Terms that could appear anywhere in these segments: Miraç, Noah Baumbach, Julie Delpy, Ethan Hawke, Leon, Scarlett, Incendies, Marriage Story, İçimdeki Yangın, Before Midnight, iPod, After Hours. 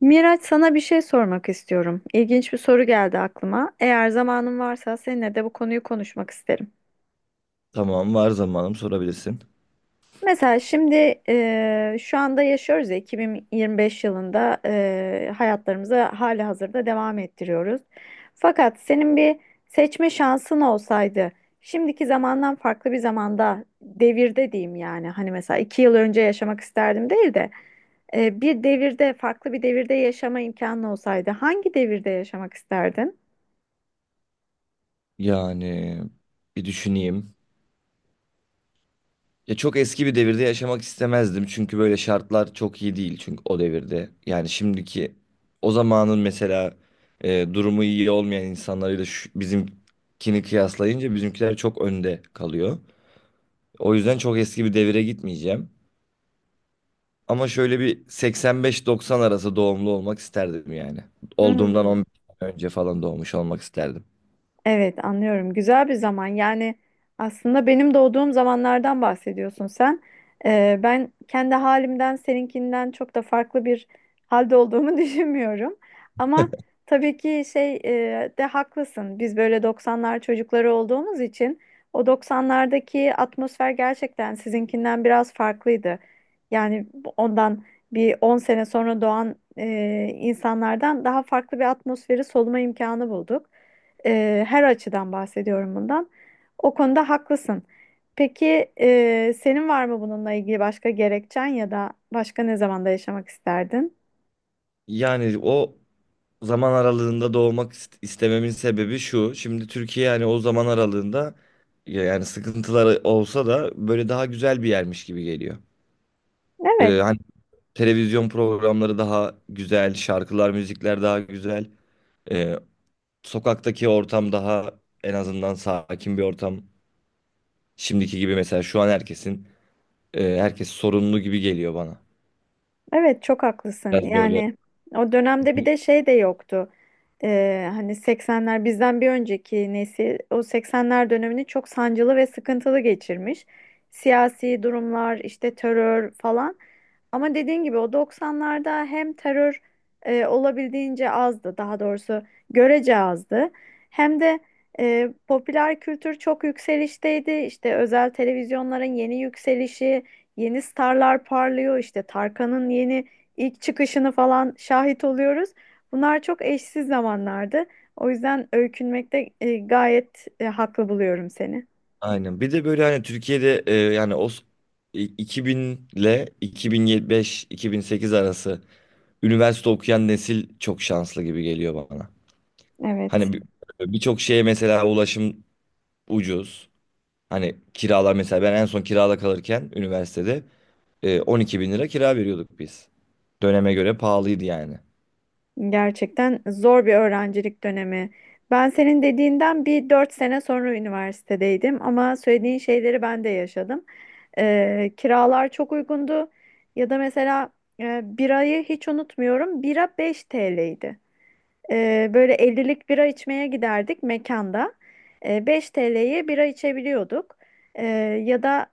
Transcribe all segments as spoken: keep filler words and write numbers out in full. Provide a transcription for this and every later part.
Miraç, sana bir şey sormak istiyorum. İlginç bir soru geldi aklıma. Eğer zamanın varsa seninle de bu konuyu konuşmak isterim. Tamam, var zamanım, sorabilirsin. Mesela şimdi e, şu anda yaşıyoruz ya, iki bin yirmi beş yılında e, hayatlarımızı hali hazırda devam ettiriyoruz. Fakat senin bir seçme şansın olsaydı, şimdiki zamandan farklı bir zamanda, devirde diyeyim, yani hani mesela iki yıl önce yaşamak isterdim değil de e, bir devirde, farklı bir devirde yaşama imkanı olsaydı, hangi devirde yaşamak isterdin? Yani Bir düşüneyim. Ya çok eski bir devirde yaşamak istemezdim. Çünkü böyle şartlar çok iyi değil çünkü o devirde. Yani şimdiki o zamanın mesela e, durumu iyi olmayan insanlarıyla şu- bizimkini kıyaslayınca bizimkiler çok önde kalıyor. O yüzden çok eski bir devire gitmeyeceğim. Ama şöyle bir 85-90 arası doğumlu olmak isterdim yani. Olduğumdan Hmm, on beş sene önce falan doğmuş olmak isterdim. evet, anlıyorum. Güzel bir zaman. Yani aslında benim doğduğum zamanlardan bahsediyorsun sen. Ee, ben kendi halimden seninkinden çok da farklı bir halde olduğumu düşünmüyorum. Ama tabii ki şey, e, de haklısın. Biz böyle doksanlar çocukları olduğumuz için o doksanlardaki atmosfer gerçekten sizinkinden biraz farklıydı. Yani bu- ondan bir on sene sonra doğan e, insanlardan daha farklı bir atmosferi soluma imkanı bulduk. Ee, her açıdan bahsediyorum bundan. O konuda haklısın. Peki e, senin var mı bununla ilgili başka gerekçen ya da başka ne zamanda yaşamak isterdin? Yani o zaman aralığında doğmak ist- istememin sebebi şu. Şimdi Türkiye yani o zaman aralığında ya- yani sıkıntıları olsa da böyle daha güzel bir yermiş gibi geliyor. Evet. Ee, hani televizyon programları daha güzel, şarkılar, müzikler daha güzel. Ee, Sokaktaki ortam daha en azından sakin bir ortam. Şimdiki gibi mesela şu an herkesin e, herkes sorunlu gibi geliyor bana. Evet, çok haklısın. Biraz böyle. Yani o dönemde bir de şey de yoktu. Ee, hani seksenler, bizden bir önceki nesil o seksenler dönemini çok sancılı ve sıkıntılı geçirmiş. Siyasi durumlar, işte terör falan. Ama dediğin gibi o doksanlarda hem terör e, olabildiğince azdı, daha doğrusu görece azdı. Hem de e, popüler kültür çok yükselişteydi. İşte özel televizyonların yeni yükselişi, yeni starlar parlıyor, işte Tarkan'ın yeni ilk çıkışını falan şahit oluyoruz. Bunlar çok eşsiz zamanlardı. O yüzden öykünmekte e, gayet e, haklı buluyorum seni. Aynen. Bir de böyle hani Türkiye'de e, yani o s- i- iki bin ile iki bin beş-iki bin sekiz arası üniversite okuyan nesil çok şanslı gibi geliyor bana. Evet, Hani bir- Birçok şeye mesela ulaşım ucuz. Hani kiralar, mesela ben en son kirada kalırken üniversitede e, on iki bin lira kira veriyorduk biz. Döneme göre pahalıydı yani. gerçekten zor bir öğrencilik dönemi. Ben senin dediğinden bir dört sene sonra üniversitedeydim, ama söylediğin şeyleri ben de yaşadım. Ee, kiralar çok uygundu ya da mesela e, birayı hiç unutmuyorum. Bira beş T L'ydi. Ee, böyle ellilik bira içmeye giderdik mekanda. Ee, beş T L'ye bira içebiliyorduk. Ee, Ya da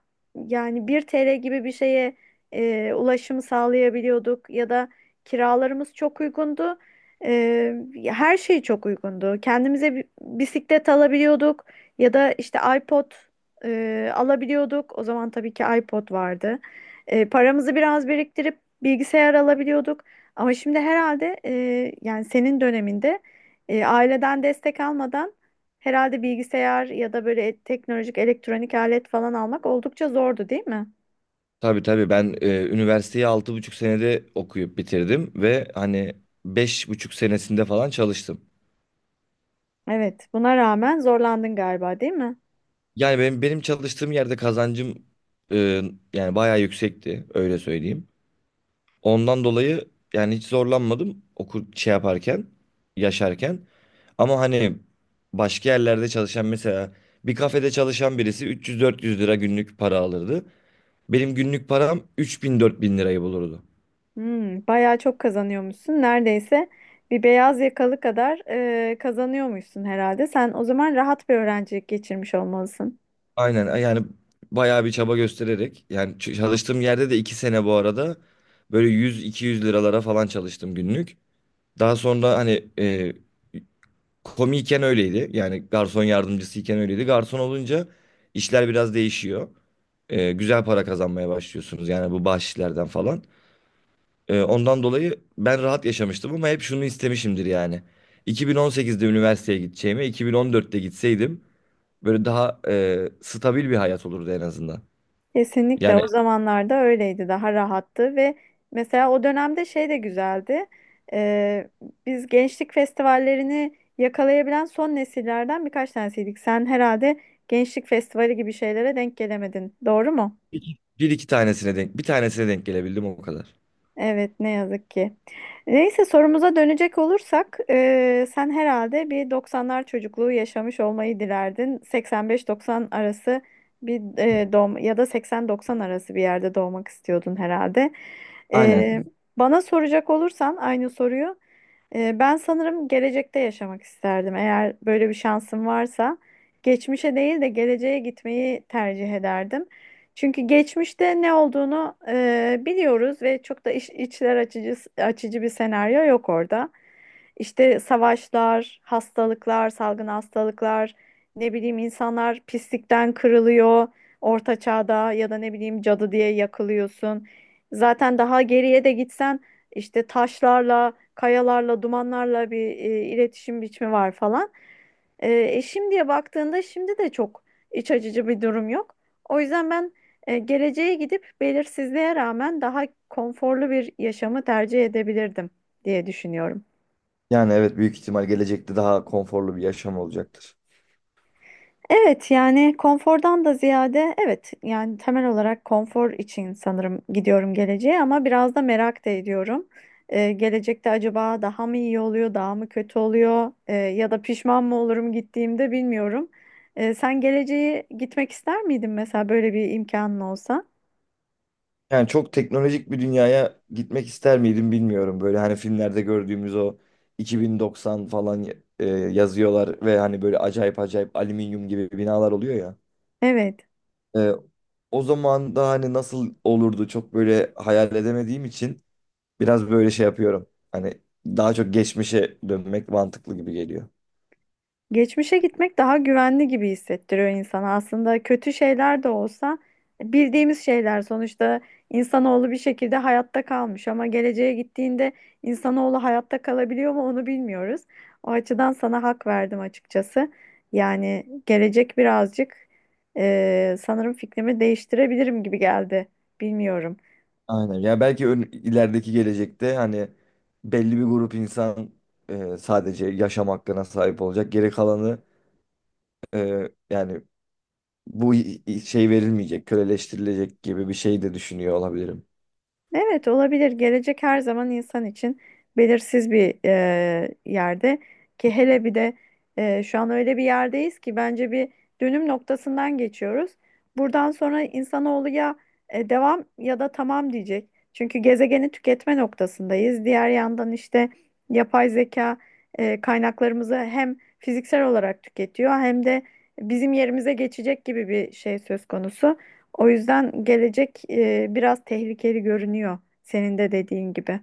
yani bir T L gibi bir şeye e, ulaşım sağlayabiliyorduk. Ya da kiralarımız çok uygundu. Ee, Her şey çok uygundu. Kendimize bi- bisiklet alabiliyorduk. Ya da işte iPod e, alabiliyorduk. O zaman tabii ki iPod vardı. Ee, paramızı biraz biriktirip bilgisayar alabiliyorduk. Ama şimdi herhalde e, yani senin döneminde e, aileden destek almadan herhalde bilgisayar ya da böyle teknolojik elektronik alet falan almak oldukça zordu, değil mi? Tabii, tabii ben e, üniversiteyi altı buçuk senede okuyup bitirdim ve hani beş buçuk senesinde falan çalıştım. Evet, buna rağmen zorlandın galiba, değil mi? Yani benim, benim çalıştığım yerde kazancım e, yani bayağı yüksekti, öyle söyleyeyim. Ondan dolayı yani hiç zorlanmadım okul şey yaparken, yaşarken. Ama hani başka yerlerde çalışan, mesela bir kafede çalışan birisi üç yüz dört yüz lira günlük para alırdı. Benim günlük param üç bin dört bin lirayı bulurdu. Hmm, bayağı çok kazanıyormuşsun. Neredeyse bir beyaz yakalı kadar e, kazanıyormuşsun herhalde. Sen o zaman rahat bir öğrencilik geçirmiş olmalısın. Aynen, yani bayağı bir çaba göstererek yani ç- çalıştığım yerde de iki sene bu arada böyle yüz iki yüz liralara falan çalıştım günlük. Daha sonra hani e, komiyken öyleydi. Yani garson yardımcısıyken öyleydi. Garson olunca işler biraz değişiyor. E, güzel para kazanmaya başlıyorsunuz. Yani bu bahşişlerden falan. E, ondan dolayı ben rahat yaşamıştım ama hep şunu istemişimdir yani. iki bin on sekizde üniversiteye gideceğime iki bin on dörtte gitseydim böyle daha e, stabil bir hayat olurdu en azından. Kesinlikle, Yani o zamanlarda öyleydi, daha rahattı. Ve mesela o dönemde şey de güzeldi. Ee, Biz gençlik festivallerini yakalayabilen son nesillerden birkaç tanesiydik. Sen herhalde gençlik festivali gibi şeylere denk gelemedin, doğru mu? bir bir iki tanesine denk bir tanesine denk gelebildim, o kadar. Evet, ne yazık ki. Neyse, sorumuza dönecek olursak eee, sen herhalde bir doksanlar çocukluğu yaşamış olmayı dilerdin. seksen beş doksan arası arası bir eee doğum ya da seksen doksan arası arası bir yerde doğmak istiyordun herhalde. Eee, Aynen. Bana soracak olursan aynı soruyu, eee, ben sanırım gelecekte yaşamak isterdim. Eğer böyle bir şansım varsa, geçmişe değil de geleceğe gitmeyi tercih ederdim. Çünkü geçmişte ne olduğunu e, biliyoruz ve çok da iç- içler açıcı açıcı bir senaryo yok orada. İşte savaşlar, hastalıklar, salgın hastalıklar, ne bileyim, insanlar pislikten kırılıyor orta çağda, ya da ne bileyim, cadı diye yakılıyorsun. Zaten daha geriye de gitsen, işte taşlarla, kayalarla, dumanlarla bir e, iletişim biçimi var falan. E, e, Şimdiye baktığında, şimdi de çok iç açıcı bir durum yok. O yüzden ben e, geleceğe gidip belirsizliğe rağmen daha konforlu bir yaşamı tercih edebilirdim diye düşünüyorum. Yani evet, büyük ihtimal gelecekte daha konforlu bir yaşam olacaktır. Evet, yani konfordan da ziyade, evet, yani temel olarak konfor için sanırım gidiyorum geleceğe, ama biraz da merak da ediyorum. E, gelecekte acaba daha mı iyi oluyor, daha mı kötü oluyor? E, ya da pişman mı olurum gittiğimde, bilmiyorum. E, sen geleceğe gitmek ister miydin mesela, böyle bir imkanın olsa? Yani çok teknolojik bir dünyaya gitmek ister miydim bilmiyorum. Böyle hani filmlerde gördüğümüz o iki bin doksan falan e, yazıyorlar ve hani böyle acayip acayip alüminyum gibi binalar oluyor ya. Evet. E, O zaman da hani nasıl olurdu, çok böyle hayal edemediğim için biraz böyle şey yapıyorum. Hani daha çok geçmişe dönmek mantıklı gibi geliyor. Geçmişe gitmek daha güvenli gibi hissettiriyor insana. Aslında kötü şeyler de olsa, bildiğimiz şeyler sonuçta. İnsanoğlu bir şekilde hayatta kalmış, ama geleceğe gittiğinde insanoğlu hayatta kalabiliyor mu, onu bilmiyoruz. O açıdan sana hak verdim açıkçası. Yani gelecek birazcık, eee, sanırım fikrimi değiştirebilirim gibi geldi. Bilmiyorum. Aynen. Ya belki ön, ilerideki gelecekte hani belli bir grup insan e, sadece yaşam hakkına sahip olacak. Geri kalanı, e, yani bu i- i- şey verilmeyecek, köleleştirilecek gibi bir şey de düşünüyor olabilirim. Evet, olabilir. Gelecek her zaman insan için belirsiz bir e, yerde, ki hele bir de e, şu an öyle bir yerdeyiz ki bence bir dönüm noktasından geçiyoruz. Buradan sonra insanoğlu ya e, devam ya da tamam diyecek. Çünkü gezegeni tüketme noktasındayız. Diğer yandan işte yapay zeka e, kaynaklarımızı hem fiziksel olarak tüketiyor, hem de bizim yerimize geçecek gibi bir şey söz konusu. O yüzden gelecek e, biraz tehlikeli görünüyor, senin de dediğin gibi.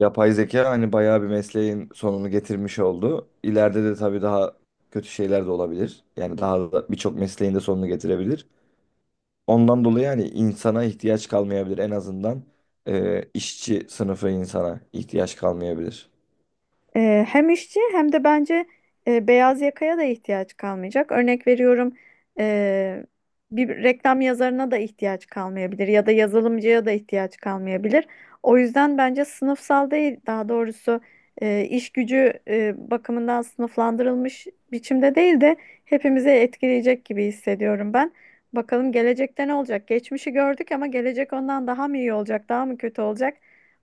Yapay zeka hani bayağı bir mesleğin sonunu getirmiş oldu. İleride de tabii daha kötü şeyler de olabilir. Yani daha da birçok mesleğin de sonunu getirebilir. Ondan dolayı yani insana ihtiyaç kalmayabilir, en azından e, işçi sınıfı insana ihtiyaç kalmayabilir. E, hem işçi, hem de bence e, beyaz yakaya da ihtiyaç kalmayacak. Örnek veriyorum, e, bir reklam yazarına da ihtiyaç kalmayabilir ya da yazılımcıya da ihtiyaç kalmayabilir. O yüzden bence sınıfsal değil, daha doğrusu e, iş gücü e, bakımından sınıflandırılmış biçimde değil de, hepimizi etkileyecek gibi hissediyorum ben. Bakalım gelecekte ne olacak? Geçmişi gördük, ama gelecek ondan daha mı iyi olacak, daha mı kötü olacak?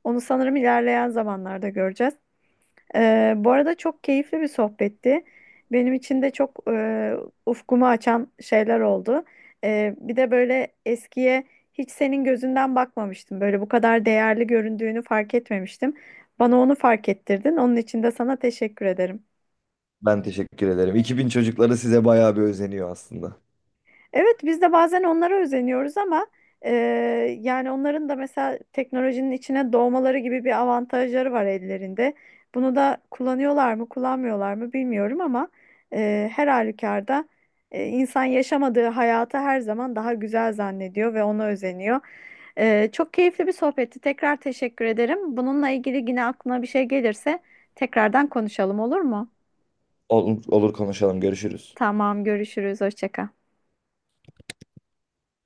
Onu sanırım ilerleyen zamanlarda göreceğiz. Ee, bu arada çok keyifli bir sohbetti. Benim için de çok e, ufkumu açan şeyler oldu. Ee, bir de böyle eskiye hiç senin gözünden bakmamıştım. Böyle bu kadar değerli göründüğünü fark etmemiştim. Bana onu fark ettirdin. Onun için de sana teşekkür ederim. Ben teşekkür ederim. iki bin çocukları size bayağı bir özeniyor aslında. Evet, biz de bazen onlara özeniyoruz, ama e, yani onların da mesela teknolojinin içine doğmaları gibi bir avantajları var ellerinde. Bunu da kullanıyorlar mı, kullanmıyorlar mı bilmiyorum, ama e, her halükarda e, insan yaşamadığı hayatı her zaman daha güzel zannediyor ve ona özeniyor. E, çok keyifli bir sohbetti. Tekrar teşekkür ederim. Bununla ilgili yine aklına bir şey gelirse tekrardan konuşalım, olur mu? Olur, olur, konuşalım. Görüşürüz. Tamam, görüşürüz. Hoşça kal.